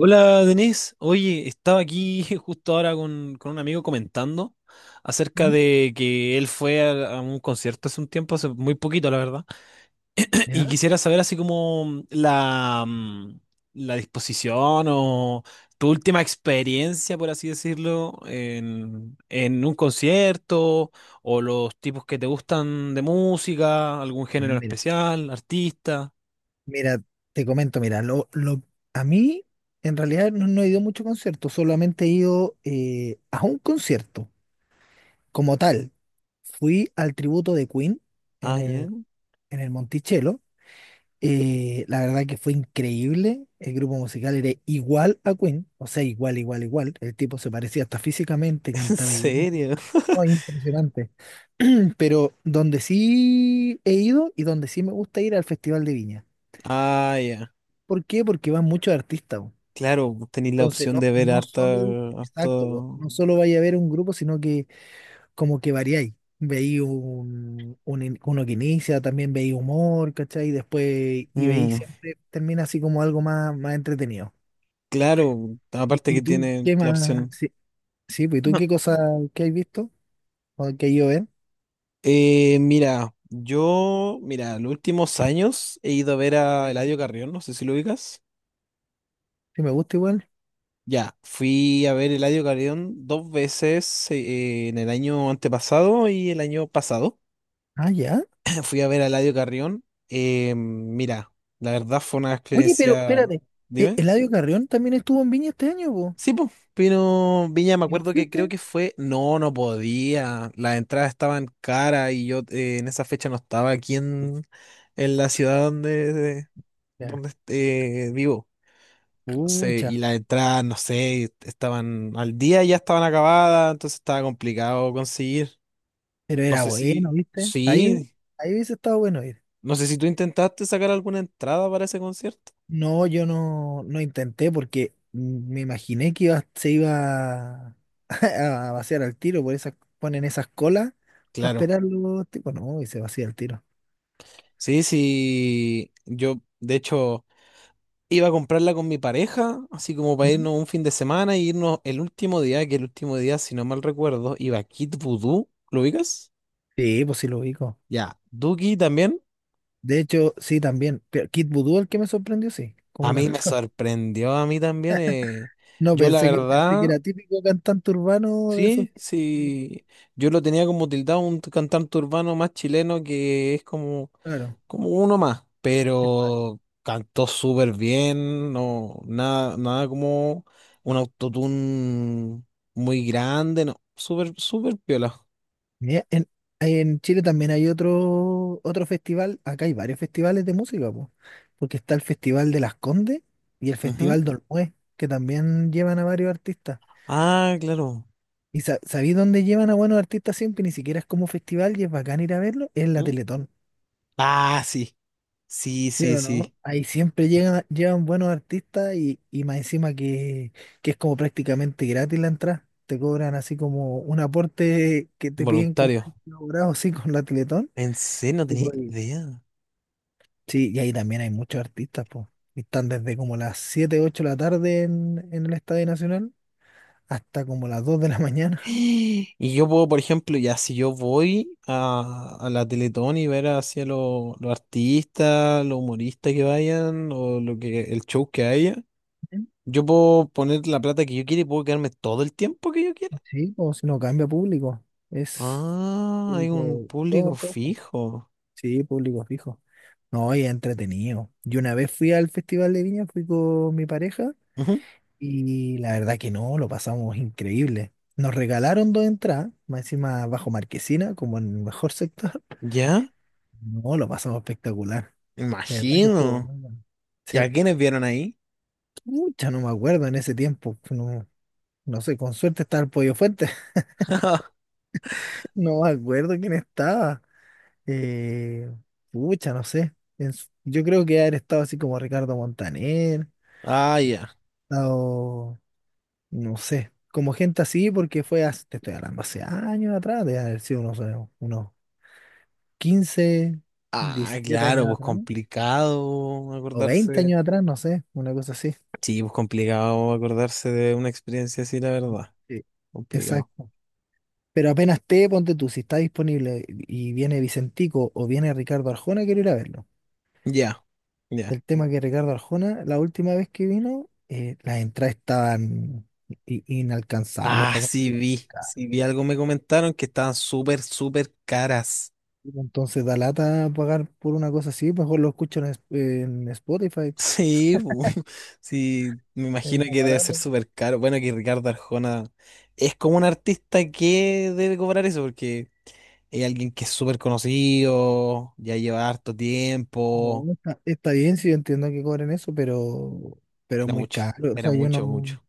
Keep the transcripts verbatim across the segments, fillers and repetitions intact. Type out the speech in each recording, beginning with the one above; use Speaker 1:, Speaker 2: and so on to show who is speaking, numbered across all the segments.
Speaker 1: Hola Denise, oye, estaba aquí justo ahora con, con un amigo comentando acerca
Speaker 2: Mm.
Speaker 1: de que él fue a, a un concierto hace un tiempo, hace muy poquito la verdad. Y
Speaker 2: ¿Ya?
Speaker 1: quisiera saber así como la, mm, la disposición o tu última experiencia, por así decirlo, en, en un concierto o los tipos que te gustan de música, algún género
Speaker 2: Mm,
Speaker 1: en
Speaker 2: Mira,
Speaker 1: especial, artista.
Speaker 2: mira, te comento, mira, lo, lo, A mí en realidad no, no he ido a muchos conciertos, solamente he ido eh, a un concierto como tal. Fui al tributo de Queen en
Speaker 1: Ah, ya.
Speaker 2: el, en el Monticello. Eh, la verdad que fue increíble. El grupo musical era igual a Queen, o sea, igual, igual, igual. El tipo se parecía hasta físicamente,
Speaker 1: ¿En
Speaker 2: cantaba idéntico.
Speaker 1: serio?
Speaker 2: No, impresionante. Pero donde sí he ido y donde sí me gusta ir al Festival de Viña.
Speaker 1: Ah, ya.
Speaker 2: ¿Por qué? Porque van muchos artistas, po.
Speaker 1: Claro, tenéis la
Speaker 2: Entonces,
Speaker 1: opción
Speaker 2: no,
Speaker 1: de ver
Speaker 2: no
Speaker 1: harta,
Speaker 2: solo, exacto, po,
Speaker 1: harto.
Speaker 2: no solo vaya a ver un grupo, sino que como que variáis. Veí un, un in- uno que inicia, también veí humor, ¿cachai? Después, y veí
Speaker 1: Mm,
Speaker 2: siempre, termina así como algo más, más entretenido.
Speaker 1: claro,
Speaker 2: ¿Y,
Speaker 1: aparte
Speaker 2: y
Speaker 1: que
Speaker 2: tú
Speaker 1: tiene
Speaker 2: qué
Speaker 1: la
Speaker 2: más?
Speaker 1: opción.
Speaker 2: Sí, sí, pues, ¿y tú qué
Speaker 1: No.
Speaker 2: cosa que has visto? ¿O que yo ven?
Speaker 1: Eh, mira, yo, mira, los últimos años he ido a ver a
Speaker 2: Bueno.
Speaker 1: Eladio Carrión, no sé si lo ubicas.
Speaker 2: Si me gusta igual.
Speaker 1: Ya, fui a ver Eladio Carrión dos veces eh, en el año antepasado y el año pasado.
Speaker 2: Ah, ya.
Speaker 1: Fui a ver a Eladio Carrión. Eh, mira, la verdad fue una
Speaker 2: Oye, pero
Speaker 1: experiencia.
Speaker 2: espérate, ¿e-
Speaker 1: Dime.
Speaker 2: ¿Eladio Carrión también estuvo en Viña este año, po?
Speaker 1: Sí, pues, Pino Viña, me
Speaker 2: ¿Y no
Speaker 1: acuerdo que creo
Speaker 2: fuiste?
Speaker 1: que fue, no, no podía, las entradas estaban caras y yo eh, en esa fecha no estaba aquí en, en la ciudad donde, de-
Speaker 2: Ya.
Speaker 1: donde eh, vivo. Entonces,
Speaker 2: Pucha.
Speaker 1: y las entradas, no sé, estaban al día y ya estaban acabadas, entonces estaba complicado conseguir.
Speaker 2: Pero
Speaker 1: No
Speaker 2: era
Speaker 1: sé si,
Speaker 2: bueno, ¿viste? Ahí,
Speaker 1: sí,
Speaker 2: ahí hubiese estado bueno ir.
Speaker 1: no sé si tú intentaste sacar alguna entrada para ese concierto.
Speaker 2: No, yo no, no intenté porque me imaginé que iba, se iba a vaciar al tiro, por esas ponen esas colas para
Speaker 1: Claro.
Speaker 2: esperar los tipos. No, y se vacía el tiro.
Speaker 1: Sí, sí, yo, de hecho, iba a comprarla con mi pareja, así como para
Speaker 2: ¿Mm?
Speaker 1: irnos un fin de semana y irnos el último día, que el último día, si no mal recuerdo, iba a Kid Voodoo, ¿lo ubicas?
Speaker 2: Sí, pues sí lo ubico.
Speaker 1: Ya, Duki también.
Speaker 2: De hecho, sí, también. Pero Kid Voodoo, el que me sorprendió, sí,
Speaker 1: A
Speaker 2: cómo
Speaker 1: mí me
Speaker 2: cantaba.
Speaker 1: sorprendió, a mí también. eh,
Speaker 2: No,
Speaker 1: Yo la
Speaker 2: pensé que, pensé que
Speaker 1: verdad,
Speaker 2: era típico cantante urbano de esos,
Speaker 1: Sí,
Speaker 2: que-
Speaker 1: sí. Yo lo tenía como tildado un cantante urbano más chileno que es como,
Speaker 2: Claro.
Speaker 1: como uno más, pero cantó súper bien, no, nada, nada como un autotune muy grande, no, súper, súper piola.
Speaker 2: Mira, en, en Chile también hay otro, otro festival, acá hay varios festivales de música, po, porque está el Festival de Las Condes y el
Speaker 1: Ujú.
Speaker 2: Festival de Olmué, que también llevan a varios artistas.
Speaker 1: Ah, claro.
Speaker 2: ¿Y sa- sabí dónde llevan a buenos artistas siempre? Ni siquiera es como festival y es bacán ir a verlo, es la
Speaker 1: ¿Mm?
Speaker 2: Teletón.
Speaker 1: Ah, sí, sí,
Speaker 2: ¿Sí
Speaker 1: sí,
Speaker 2: o
Speaker 1: sí.
Speaker 2: no? Ahí siempre llegan, llevan buenos artistas y, y más encima que, que es como prácticamente gratis la entrada. Te cobran así como un aporte que te piden como
Speaker 1: Voluntario.
Speaker 2: elaborado así con la Teletón.
Speaker 1: En serio, no tenía idea.
Speaker 2: Sí, y ahí también hay muchos artistas, pues. Y están desde como las siete ocho de la tarde en, en el Estadio Nacional hasta como las dos de la mañana.
Speaker 1: Y yo puedo, por ejemplo, ya si yo voy a, a la Teletón y ver hacia los los artistas, los humoristas que vayan o lo que el show que haya,
Speaker 2: Ujú.
Speaker 1: yo puedo poner la plata que yo quiera y puedo quedarme todo el tiempo que yo quiera.
Speaker 2: Sí, o si no cambia público. Es
Speaker 1: Ah, hay un
Speaker 2: público todo,
Speaker 1: público
Speaker 2: todo.
Speaker 1: fijo.
Speaker 2: Sí, público fijo. No, y es entretenido. Yo una vez fui al Festival de Viña, fui con mi pareja
Speaker 1: Ujú.
Speaker 2: y la verdad que no, lo pasamos increíble. Nos regalaron dos entradas, más encima bajo Marquesina, como en el mejor sector.
Speaker 1: ¿Ya?
Speaker 2: No, lo pasamos espectacular. De verdad que estuvo
Speaker 1: Imagino.
Speaker 2: muy bueno.
Speaker 1: ¿Y
Speaker 2: Sí.
Speaker 1: a quiénes vieron ahí?
Speaker 2: Mucha, no me acuerdo en ese tiempo. No, no sé, con suerte estaba el Pollo Fuente. No me acuerdo quién estaba. Eh, pucha, no sé. En su- yo creo que haber estado así como Ricardo Montaner,
Speaker 1: Ah, ya.
Speaker 2: estado, no sé, como gente así, porque fue hace, te estoy hablando, hace años atrás, de haber sido unos, eh, unos quince
Speaker 1: Ah,
Speaker 2: diecisiete
Speaker 1: claro,
Speaker 2: años
Speaker 1: pues
Speaker 2: atrás,
Speaker 1: complicado
Speaker 2: o veinte
Speaker 1: acordarse.
Speaker 2: años atrás, no sé, una cosa así.
Speaker 1: Sí, pues complicado acordarse de una experiencia así, la verdad.
Speaker 2: Sí.
Speaker 1: Complicado.
Speaker 2: Exacto. Pero apenas esté, ponte tú, si está disponible y viene Vicentico o viene Ricardo Arjona, quiero ir a verlo.
Speaker 1: Ya, ya.
Speaker 2: El tema que Ricardo Arjona, la última vez que vino, eh, las entradas estaban i- inalcanzables
Speaker 1: Ah,
Speaker 2: para
Speaker 1: sí
Speaker 2: comprar.
Speaker 1: vi, sí vi algo, me comentaron que estaban súper, súper caras.
Speaker 2: Entonces da lata pagar por una cosa así, mejor lo escucho en, es- en Spotify.
Speaker 1: Sí, bu, sí, me
Speaker 2: Es
Speaker 1: imagino
Speaker 2: más
Speaker 1: que debe ser
Speaker 2: barato.
Speaker 1: súper caro. Bueno, que Ricardo Arjona es como un artista que debe cobrar eso, porque es alguien que es súper conocido, ya lleva harto
Speaker 2: No,
Speaker 1: tiempo.
Speaker 2: no está, está bien, si yo entiendo que cobren eso, pero, pero es
Speaker 1: Era
Speaker 2: muy
Speaker 1: mucho,
Speaker 2: caro. O
Speaker 1: era
Speaker 2: sea, yo
Speaker 1: mucho,
Speaker 2: no,
Speaker 1: mucho.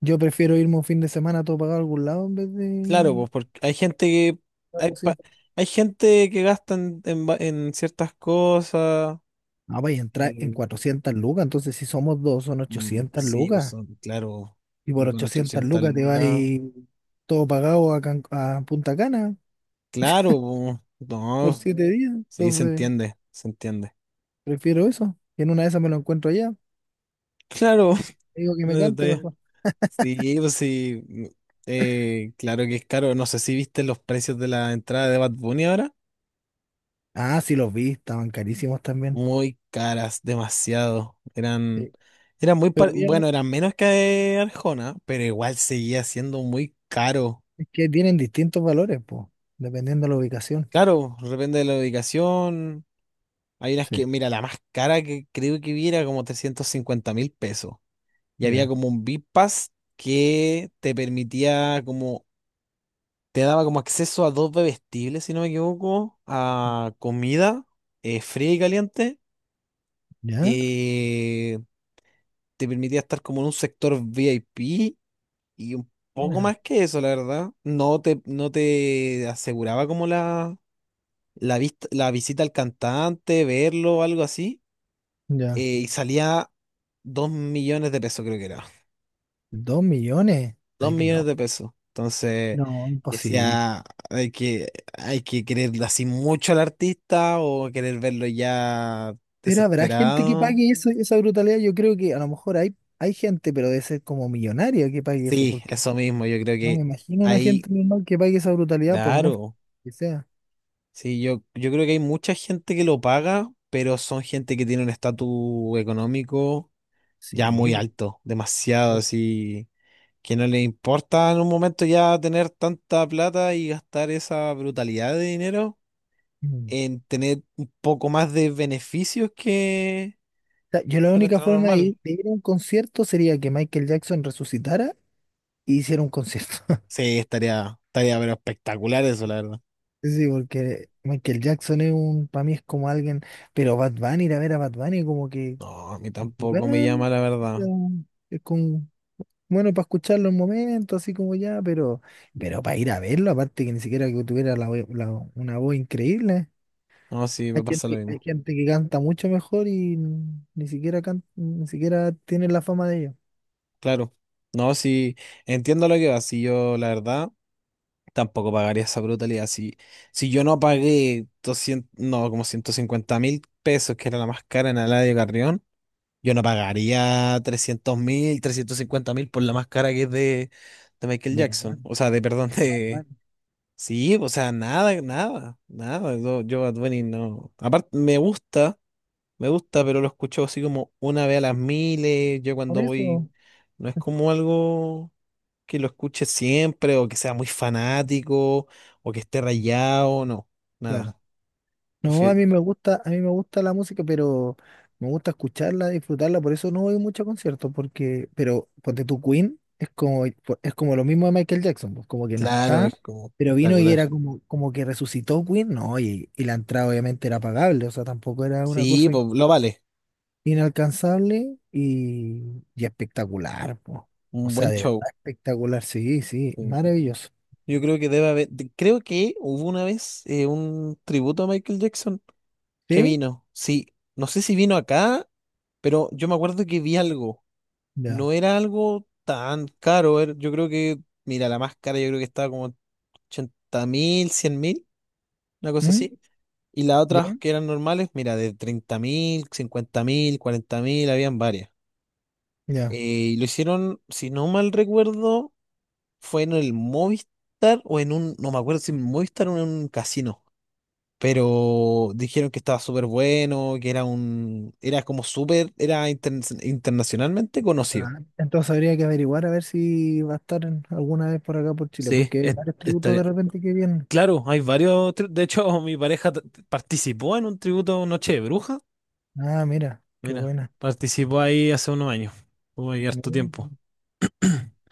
Speaker 2: yo prefiero irme un fin de semana todo pagado a algún lado en vez
Speaker 1: Claro,
Speaker 2: de...
Speaker 1: pues porque hay gente que hay, pa- hay gente que gasta en, en va- en ciertas cosas.
Speaker 2: No, vais a entrar en cuatrocientas lucas, entonces si somos dos son
Speaker 1: Mm,
Speaker 2: ochocientas
Speaker 1: sí, pues
Speaker 2: lucas.
Speaker 1: son, claro,
Speaker 2: Y por
Speaker 1: y con
Speaker 2: ochocientas
Speaker 1: ochocientas
Speaker 2: lucas te vas
Speaker 1: lucas,
Speaker 2: todo pagado a, Can- a Punta Cana
Speaker 1: claro, po,
Speaker 2: por
Speaker 1: no,
Speaker 2: siete días.
Speaker 1: sí, se
Speaker 2: Entonces
Speaker 1: entiende, se entiende.
Speaker 2: prefiero eso. Y en una de esas me lo encuentro allá.
Speaker 1: Claro,
Speaker 2: Te digo que
Speaker 1: no
Speaker 2: me
Speaker 1: hay
Speaker 2: cante
Speaker 1: detalle.
Speaker 2: mejor.
Speaker 1: Sí, pues sí, mm, eh, claro que es caro, no sé si viste los precios de la entrada de Bad Bunny ahora,
Speaker 2: Ah, sí, los vi, estaban carísimos también.
Speaker 1: muy caras, demasiado, eran,
Speaker 2: Sí.
Speaker 1: eran muy,
Speaker 2: Pero
Speaker 1: par-
Speaker 2: bien, ¿no?
Speaker 1: bueno, eran menos que Arjona, pero igual seguía siendo muy caro.
Speaker 2: Es que tienen distintos valores, pues, dependiendo de la ubicación.
Speaker 1: Claro, depende de la ubicación. Hay unas
Speaker 2: Sí,
Speaker 1: que, mira, la más cara que creo que vi era como trescientos cincuenta mil pesos. Y había
Speaker 2: ya,
Speaker 1: como un V I P Pass que te permitía como, te daba como acceso a dos bebestibles, si no me equivoco, a comida eh, fría y caliente.
Speaker 2: ya,
Speaker 1: eh, Te permitía estar como en un sector V I P y un poco
Speaker 2: ya,
Speaker 1: más que eso, la verdad. No te, no te aseguraba como la, la, vista- la visita al cantante, verlo, algo así.
Speaker 2: ya.
Speaker 1: Eh, y salía dos millones de pesos, creo que era.
Speaker 2: Dos millones,
Speaker 1: Dos
Speaker 2: estáis
Speaker 1: millones
Speaker 2: locos.
Speaker 1: de pesos. Entonces,
Speaker 2: No, imposible.
Speaker 1: decía, hay que, hay que querer así mucho al artista o querer verlo ya
Speaker 2: Pero habrá gente que
Speaker 1: desesperado.
Speaker 2: pague eso, esa brutalidad. Yo creo que a lo mejor hay, hay gente, pero debe ser como millonaria que pague eso,
Speaker 1: Sí,
Speaker 2: porque
Speaker 1: eso mismo, yo creo
Speaker 2: no me
Speaker 1: que
Speaker 2: imagino una
Speaker 1: ahí,
Speaker 2: gente normal que pague esa brutalidad por mucho
Speaker 1: claro,
Speaker 2: que sea.
Speaker 1: sí, yo, yo creo que hay mucha gente que lo paga, pero son gente que tiene un estatus económico ya
Speaker 2: Sí,
Speaker 1: muy
Speaker 2: po.
Speaker 1: alto, demasiado así, que no les importa en un momento ya tener tanta plata y gastar esa brutalidad de dinero
Speaker 2: Mm. O
Speaker 1: en tener un poco más de beneficios que
Speaker 2: sea, yo la
Speaker 1: que una
Speaker 2: única
Speaker 1: entrada
Speaker 2: forma de ir,
Speaker 1: normal.
Speaker 2: de ir a un concierto sería que Michael Jackson resucitara y hiciera un concierto.
Speaker 1: Sí, estaría, estaría pero espectacular eso, la verdad.
Speaker 2: Sí, porque Michael Jackson es un, para mí es como alguien, pero Bad Bunny, ir a ver a Bad Bunny como que,
Speaker 1: No, a mí tampoco me
Speaker 2: bueno,
Speaker 1: llama la verdad.
Speaker 2: es con Bueno, para escucharlo un momento, así como ya, pero, pero para ir a verlo, aparte que ni siquiera que tuviera la, voz- la- una voz increíble.
Speaker 1: No, sí, me
Speaker 2: Hay
Speaker 1: pasa lo
Speaker 2: gente, hay
Speaker 1: mismo.
Speaker 2: gente que canta mucho mejor y n- ni siquiera can- ni siquiera tiene la fama de ellos.
Speaker 1: Claro. No, sí, entiendo lo que va. Si yo, la verdad, tampoco pagaría esa brutalidad. Si, si yo no pagué doscientas mil, no, como ciento cincuenta mil pesos, que era la más cara en Eladio Carrión. Yo no pagaría trescientos mil, trescientos cincuenta mil por la máscara que es de, de Michael
Speaker 2: De Bad
Speaker 1: Jackson.
Speaker 2: Bunny,
Speaker 1: O sea, de, perdón,
Speaker 2: Bad
Speaker 1: de...
Speaker 2: Bunny.
Speaker 1: Sí, o sea, nada, nada, nada. Yo, yo Bad Bunny no... Aparte, me gusta, me gusta, pero lo escucho así como una vez a las miles. Yo
Speaker 2: Por
Speaker 1: cuando voy,
Speaker 2: eso,
Speaker 1: no es como algo que lo escuche siempre o que sea muy fanático o que esté rayado, no,
Speaker 2: claro.
Speaker 1: nada.
Speaker 2: No, a mí
Speaker 1: Prefi-
Speaker 2: me gusta, a mí me gusta la música, pero me gusta escucharla, disfrutarla, por eso no voy mucho a conciertos, porque, pero ponte tu Queen es como, es como lo mismo de Michael Jackson, pues, como que no
Speaker 1: Claro,
Speaker 2: está,
Speaker 1: es como
Speaker 2: pero vino y
Speaker 1: espectacular.
Speaker 2: era como, como que resucitó Queen, no, y, y la entrada obviamente era pagable, o sea, tampoco era una
Speaker 1: Sí,
Speaker 2: cosa
Speaker 1: pues lo vale.
Speaker 2: inalcanzable y, y espectacular, pues. O
Speaker 1: Un
Speaker 2: sea,
Speaker 1: buen
Speaker 2: de
Speaker 1: show.
Speaker 2: verdad espectacular, sí, sí, maravilloso.
Speaker 1: Yo creo que debe haber, de- creo que hubo una vez eh, un tributo a Michael Jackson que
Speaker 2: ¿Sí?
Speaker 1: vino. Sí, no sé si vino acá, pero yo me acuerdo que vi algo.
Speaker 2: Ya.
Speaker 1: No era algo tan caro. Era- Yo creo que, mira, la más cara yo creo que estaba como ochenta mil, cien mil, una cosa
Speaker 2: ¿Mm?
Speaker 1: así. Y las otras
Speaker 2: ¿Ya?
Speaker 1: que eran normales, mira, de treinta mil, cincuenta mil, cuarenta mil, habían varias. Eh,
Speaker 2: ¿Ya?
Speaker 1: y lo hicieron, si no mal recuerdo, fue en el Movistar o en un, no me acuerdo si en Movistar o en un casino. Pero dijeron que estaba súper bueno, que era un, era como súper, era interna- internacionalmente conocido.
Speaker 2: Ah, entonces habría que averiguar a ver si va a estar en- alguna vez por acá por Chile,
Speaker 1: Sí,
Speaker 2: porque hay
Speaker 1: es-
Speaker 2: varios tributos
Speaker 1: estaría.
Speaker 2: de repente que vienen.
Speaker 1: Claro, hay varios. Tri- De hecho, mi pareja t- t- participó en un tributo a Noche de Bruja.
Speaker 2: Ah, mira, qué
Speaker 1: Mira,
Speaker 2: buena.
Speaker 1: participó ahí hace unos años. Hubo ahí harto tiempo.
Speaker 2: Mm,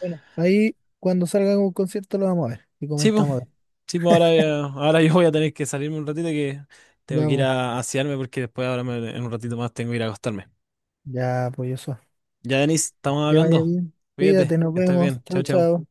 Speaker 2: bueno, ahí cuando salga un concierto lo vamos a ver y
Speaker 1: Sí, pues.
Speaker 2: comentamos.
Speaker 1: Sí, pues ahora, eh, ahora yo voy a tener que salirme un ratito que tengo
Speaker 2: Ya,
Speaker 1: que ir
Speaker 2: pues,
Speaker 1: a asearme porque después ahora me- en un ratito más tengo que ir a acostarme.
Speaker 2: ya, pues eso.
Speaker 1: Ya, Denis, estamos
Speaker 2: Que te vaya
Speaker 1: hablando.
Speaker 2: bien. Cuídate,
Speaker 1: Cuídate,
Speaker 2: nos
Speaker 1: que estés
Speaker 2: vemos.
Speaker 1: bien. Chao,
Speaker 2: Chao,
Speaker 1: chao.
Speaker 2: chao.